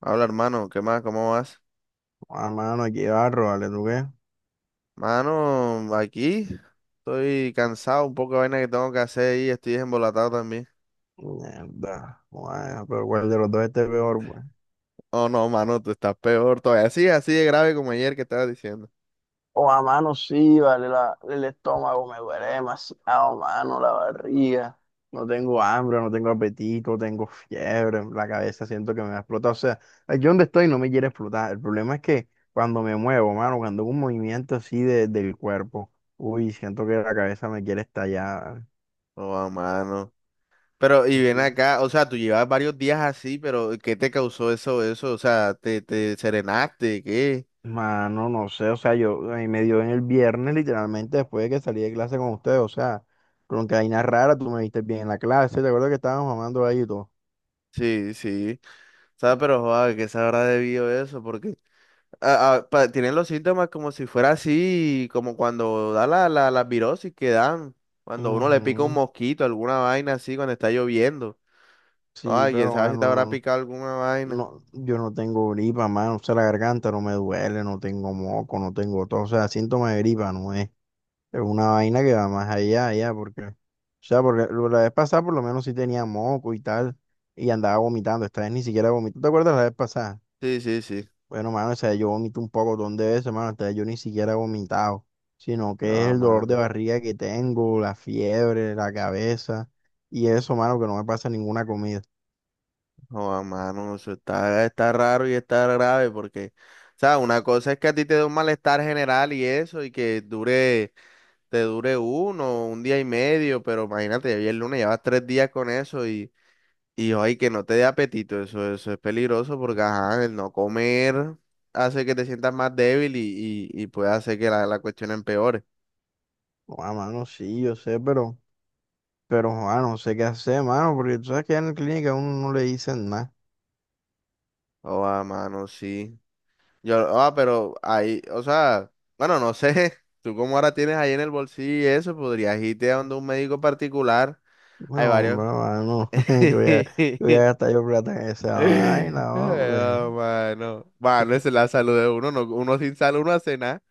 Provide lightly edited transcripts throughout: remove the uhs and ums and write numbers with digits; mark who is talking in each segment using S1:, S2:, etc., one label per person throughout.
S1: Habla, hermano, ¿qué más? ¿Cómo vas?
S2: Mano, aquí barro, vale, ¿tú qué?
S1: Mano, aquí estoy cansado, un poco de vaina que tengo que hacer y estoy embolatado también.
S2: Mierda. Bueno, pero ¿cuál de los dos esté peor, pues?
S1: Oh, no, mano, tú estás peor todavía. Sí, así de grave como ayer que estabas diciendo.
S2: Oh, a mano sí, vale, el estómago me duele demasiado, mano, la barriga. No tengo hambre, no tengo apetito, tengo fiebre, la cabeza siento que me va a explotar. O sea, aquí donde estoy no me quiere explotar. El problema es que cuando me muevo, mano, cuando hago un movimiento así del cuerpo, uy, siento que la cabeza me quiere estallar.
S1: Oh, ah, mano. Pero, y ven acá, o sea, tú llevas varios días así, pero ¿qué te causó eso? O sea, ¿te serenaste? ¿Qué?
S2: Mano, no sé, o sea, yo ahí me dio en el viernes, literalmente después de que salí de clase con ustedes, o sea, con que vaina rara, tú me viste bien en la clase, te acuerdas que estábamos mamando ahí y todo.
S1: Sí, sí. O sea, pero, joder, ¿qué se habrá debido eso? Porque tienen los síntomas como si fuera así, como cuando da la virosis que dan, cuando uno le pica un
S2: Ujú.
S1: mosquito, alguna vaina así, cuando está lloviendo.
S2: Sí,
S1: Ay, quién
S2: pero
S1: sabe si te habrá
S2: mano,
S1: picado alguna vaina.
S2: no, no, yo no tengo gripa, mano, o sea, la garganta no me duele, no tengo moco, no tengo todo, o sea, síntoma de gripa no es, es una vaina que va más allá, porque, o sea, porque la vez pasada por lo menos sí tenía moco y tal, y andaba vomitando, esta vez ni siquiera vomito, ¿te acuerdas la vez pasada?
S1: Sí, sí, sí.
S2: Bueno, mano, o sea, yo vomito un poco de veces, mano, hasta yo ni siquiera he vomitado, sino que es
S1: No,
S2: el dolor de
S1: mano.
S2: barriga que tengo, la fiebre, la cabeza, y eso, mano, que no me pasa ninguna comida.
S1: No, mano, eso está, está raro y está grave porque, o sea, una cosa es que a ti te dé un malestar general y eso, y que dure, te dure uno, un día y medio, pero imagínate, ya el lunes llevas tres días con eso. Y ay, que no te dé apetito, eso es peligroso porque ajá, el no comer hace que te sientas más débil y, y puede hacer que la cuestión empeore.
S2: No, mano, sí, yo sé, pero, mano, no sé qué hacer, mano, porque tú sabes que en la clínica a uno no le dicen nada.
S1: Oh, ah, mano, sí. Yo, ah, pero ahí, o sea, bueno, no sé, tú como ahora tienes ahí en el bolsillo y eso, podrías irte a donde un médico particular.
S2: No,
S1: Hay varios.
S2: hombre, mano, que voy a gastar yo plata en esa
S1: Ay,
S2: vaina, hombre.
S1: ah, mano, mano, esa es la salud de uno, no, uno sin salud no hace nada.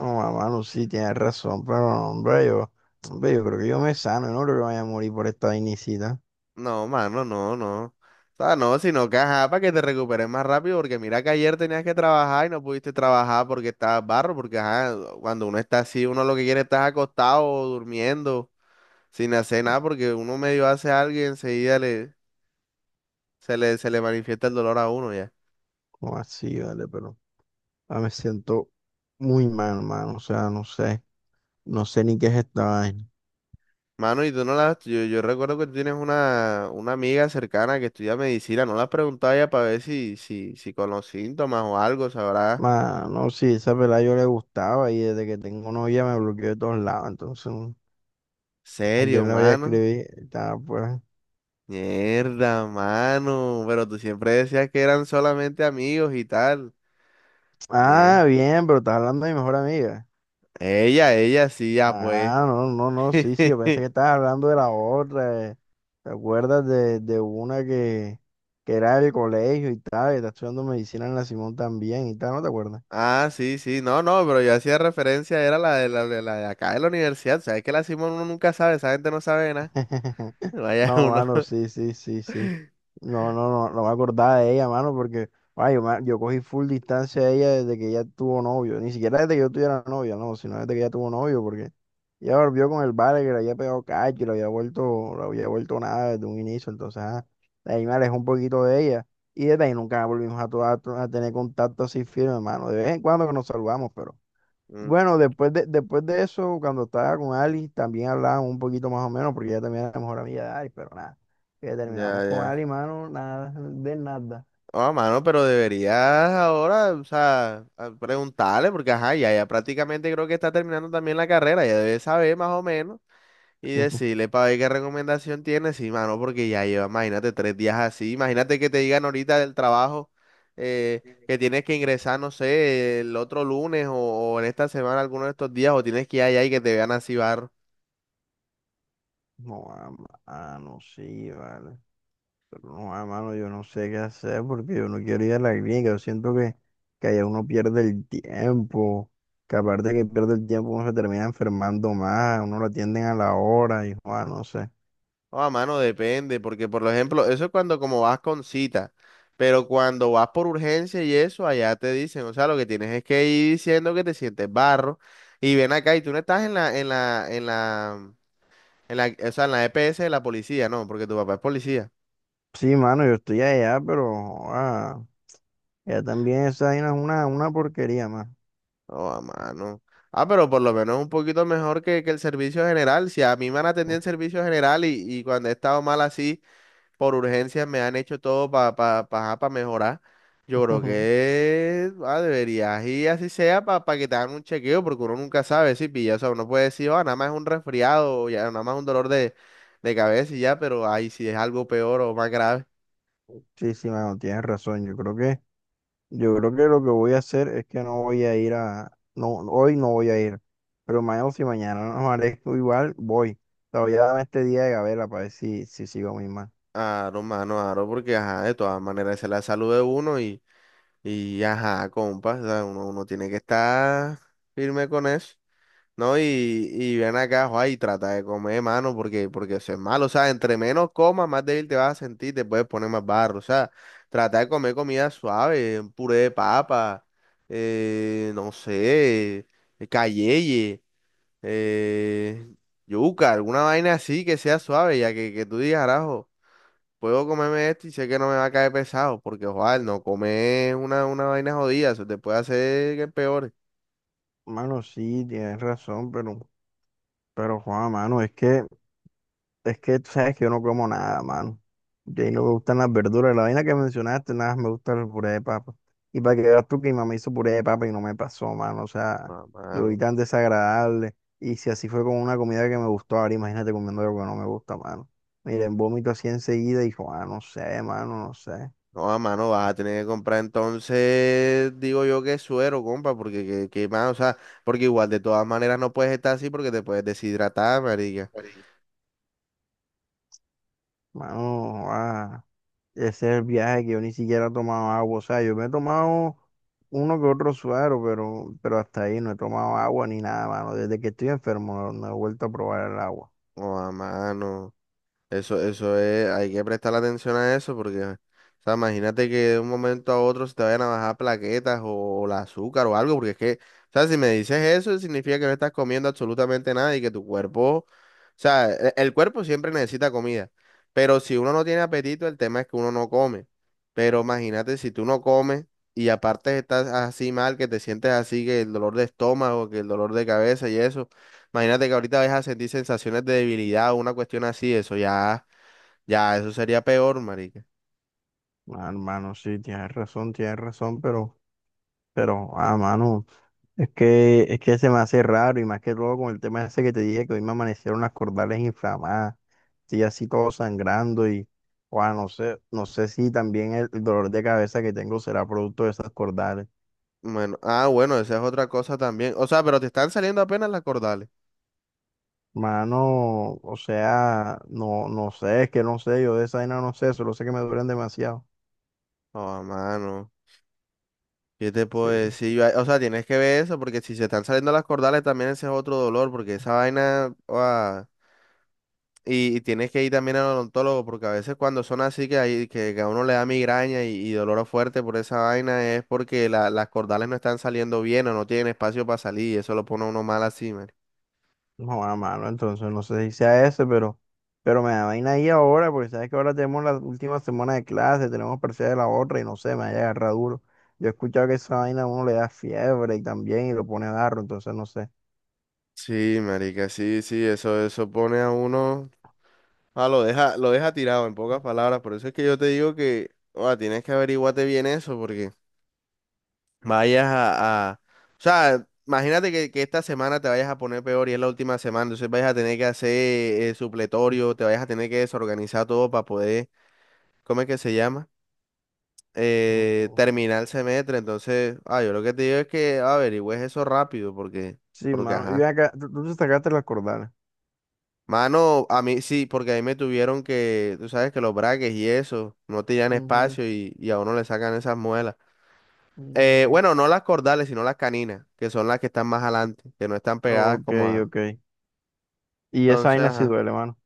S2: No, mano, sí, tienes razón, pero, hombre, yo creo que yo me sano, yo no creo que vaya a morir por esta vainicita.
S1: No, mano, no, no. O sea, no, sino que ajá, para que te recuperes más rápido, porque mira que ayer tenías que trabajar y no pudiste trabajar porque estabas barro, porque ajá, cuando uno está así, uno lo que quiere es estar acostado, o durmiendo, sin hacer nada, porque uno medio hace algo y enseguida le, se le manifiesta el dolor a uno ya.
S2: No, así, vale, pero me siento muy mal, mano. O sea, no sé, no sé ni qué es esta vaina.
S1: Mano, y tú no las, yo recuerdo que tú tienes una amiga cercana que estudia medicina, no la has preguntado ya para ver si, si con los síntomas o algo, sabrá.
S2: Mano, sí, esa pelada yo le gustaba y desde que tengo novia me bloqueó de todos lados. Entonces, ayer
S1: Serio,
S2: le voy a
S1: mano.
S2: escribir. Estaba pues.
S1: Mierda, mano. Pero tú siempre decías que eran solamente amigos y tal. Ñe.
S2: Ah, bien, pero estás hablando de mi mejor amiga.
S1: Ella, sí, ya pues.
S2: Ah, no, no, no, sí, sí, yo pensé que estabas hablando de la otra. ¿Te acuerdas de una que era del colegio y tal? Que está estudiando medicina en la Simón también y tal, ¿no te acuerdas?
S1: Ah, sí, sí. No, no, pero yo hacía referencia, era la de la de acá de la universidad. O sea, es que la Simón uno nunca sabe, esa gente no sabe nada. Vaya
S2: No,
S1: uno.
S2: mano, sí, sí, sí, sí. No, no, no, no me acordaba de ella, mano, porque ay, yo cogí full distancia de ella desde que ella tuvo novio. Ni siquiera desde que yo tuviera novia, no, sino desde que ella tuvo novio, porque ella volvió con el vale que le había pegado cacho, y le había vuelto nada desde un inicio. Entonces, de ahí me alejé un poquito de ella. Y desde ahí nunca volvimos a, a tener contacto así firme, mano. De vez en cuando que nos saludamos, pero.
S1: Mm.
S2: Bueno, después de eso, cuando estaba con Ali, también hablábamos un poquito más o menos, porque ella también era mejor amiga de Ali, pero nada. Ya
S1: Ya,
S2: terminamos con Ali,
S1: ya.
S2: mano, nada, de nada.
S1: Oh, mano, pero deberías ahora, o sea, preguntarle, porque ajá, ya prácticamente creo que está terminando también la carrera, ya debe saber más o menos. Y decirle para ver qué recomendación tienes, sí, mano, porque ya lleva, imagínate, tres días así. Imagínate que te digan ahorita del trabajo, que tienes que ingresar, no sé, el otro lunes o en esta semana, alguno de estos días, o tienes que ir allá y que te vean así barro.
S2: No, no, sí, vale. Pero no, mano, yo no sé qué hacer porque yo no quiero ir a la clínica. Yo siento que allá uno pierde el tiempo. Que aparte que pierde el tiempo, uno se termina enfermando más. Uno lo atienden a la hora y, no sé.
S1: O a mano, depende, porque por ejemplo, eso es cuando como vas con cita, pero cuando vas por urgencia y eso, allá te dicen, o sea, lo que tienes es que ir diciendo que te sientes barro y ven acá y tú no estás en la En la, o sea, en la EPS de la policía, no, porque tu papá es policía.
S2: Sí, mano, yo estoy allá, pero, ah, ya también esa vaina es una porquería más.
S1: Oh, mano. Ah, pero por lo menos un poquito mejor que el servicio general. Si a mí me han atendido en servicio general y cuando he estado mal así, por urgencias me han hecho todo para pa, pa, pa pa mejorar. Yo creo que deberías ir así sea para que te hagan un chequeo, porque uno nunca sabe si pilla. O sea, uno puede decir, oh, nada más es un resfriado, o ya, nada más un dolor de cabeza y ya, pero ahí si es algo peor o más grave.
S2: Sí, sí, mano, tienes razón. Yo creo que lo que voy a hacer es que no voy a ir a, no, hoy no voy a ir. Pero mañana, si mañana no amanezco igual, voy. O sea, voy a darme este día de gabela para ver si, si sigo mi mal.
S1: Aro, mano, aro, porque ajá, de todas maneras esa es la salud de uno y ajá, compa, o sea, uno tiene que estar firme con eso, ¿no? Y ven acá, joa, y trata de comer, mano, porque eso es malo, o sea, entre menos comas, más débil te vas a sentir, te puedes poner más barro, o sea, trata de comer comida suave, un puré de papa, no sé, cayeye, eh, yuca, alguna vaina así que sea suave, ya que tú digas, arajo, puedo comerme esto y sé que no me va a caer pesado, porque ojalá no comer una vaina jodida, eso te puede hacer que peores.
S2: Mano, sí, tienes razón, pero Juan, mano, es que tú sabes que yo no como nada, mano. Y ahí no me gustan las verduras. La vaina que mencionaste, nada, más me gusta el puré de papa. Y para que veas tú que mi mamá hizo puré de papa y no me pasó, mano. O sea,
S1: No,
S2: lo vi
S1: mano.
S2: tan desagradable. Y si así fue con una comida que me gustó, ahora imagínate comiendo algo que no me gusta, mano. Miren, vómito así enseguida y dijo, no sé, mano, no sé.
S1: No, a mano, vas a tener que comprar entonces, digo yo que suero, compa, porque que mano, o sea, porque igual de todas maneras no puedes estar así porque te puedes deshidratar, marica.
S2: Ori- Mano, ah. Ese es el viaje que yo ni siquiera he tomado agua. O sea, yo me he tomado uno que otro suero, pero hasta ahí no he tomado agua ni nada, mano. Desde que estoy enfermo no, no he vuelto a probar el agua.
S1: No, a mano. Eso es, hay que prestar atención a eso porque, o sea, imagínate que de un momento a otro se te vayan a bajar plaquetas o, el azúcar o algo, porque es que, o sea, si me dices eso, significa que no estás comiendo absolutamente nada y que tu cuerpo, o sea, cuerpo siempre necesita comida, pero si uno no tiene apetito, el tema es que uno no come. Pero imagínate si tú no comes y aparte estás así mal, que te sientes así, que el dolor de estómago, que el dolor de cabeza y eso, imagínate que ahorita vas a sentir sensaciones de debilidad o una cuestión así, eso ya. Ya, eso sería peor, marica.
S2: Ah, hermano, sí, tienes razón, pero, mano, es que se me hace raro y más que todo con el tema ese que te dije que hoy me amanecieron las cordales inflamadas, sí, así todo sangrando y, no sé, no sé si también el dolor de cabeza que tengo será producto de esas cordales.
S1: Bueno, bueno, esa es otra cosa también. O sea, pero te están saliendo apenas las cordales.
S2: Mano, o sea, no, no sé, es que no sé, yo de esa vaina no sé, solo sé que me duelen demasiado.
S1: Oh, mano. ¿Qué te puedo
S2: Sí.
S1: decir? Yo- O sea, tienes que ver eso, porque si se están saliendo las cordales, también ese es otro dolor, porque esa vaina. Ah, y tienes que ir también al odontólogo, porque a veces cuando son así que, hay, que a uno le da migraña y dolor fuerte por esa vaina, es porque las cordales no están saliendo bien o no tienen espacio para salir, y eso lo pone a uno mal así, marica.
S2: No, a mano, entonces no sé si sea ese, pero me da vaina ahí ahora, porque sabes que ahora tenemos la última semana de clase, tenemos parcial de la otra y no sé, me haya agarrado duro. Yo he escuchado que esa vaina a uno le da fiebre y también y lo pone darro, entonces no sé.
S1: Sí, marica, sí, sí, eso pone a uno. Ah, lo deja tirado en pocas palabras. Por eso es que yo te digo que tienes que averiguarte bien eso, porque vayas O sea, imagínate que esta semana te vayas a poner peor y es la última semana, entonces vayas a tener que hacer supletorio, te vayas a tener que desorganizar todo para poder, ¿cómo es que se llama?
S2: Ujú.
S1: Terminar el semestre. Entonces, ah, yo lo que te digo es que averigües eso rápido,
S2: Sí,
S1: porque
S2: mano. Y ven
S1: ajá.
S2: acá, tú te sacaste las cordales.
S1: Mano, a mí sí, porque ahí me tuvieron que, tú sabes que los braques y eso, no tenían
S2: Ujú.
S1: espacio y a uno le sacan esas muelas.
S2: Mm.
S1: Bueno, no las cordales, sino las caninas, que son las que están más adelante, que no están pegadas
S2: Ok,
S1: como a...
S2: ok. Y esa
S1: Entonces,
S2: vaina sí
S1: ajá.
S2: duele, mano.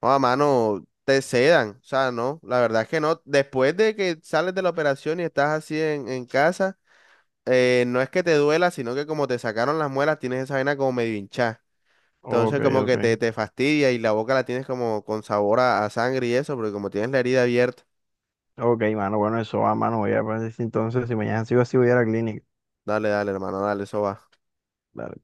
S1: No, a mano, te sedan, o sea, no, la verdad es que no. Después de que sales de la operación y estás así en casa, no es que te duela, sino que como te sacaron las muelas, tienes esa vaina como medio hinchada.
S2: Ok,
S1: Entonces como
S2: ok.
S1: que te fastidia y la boca la tienes como con sabor a sangre y eso, porque como tienes la herida abierta.
S2: Ok, mano, bueno, eso va, mano. Voy a ver si entonces, si mañana sigo así, voy a ir a la clínica.
S1: Dale, dale, hermano, dale, eso va.
S2: Dale.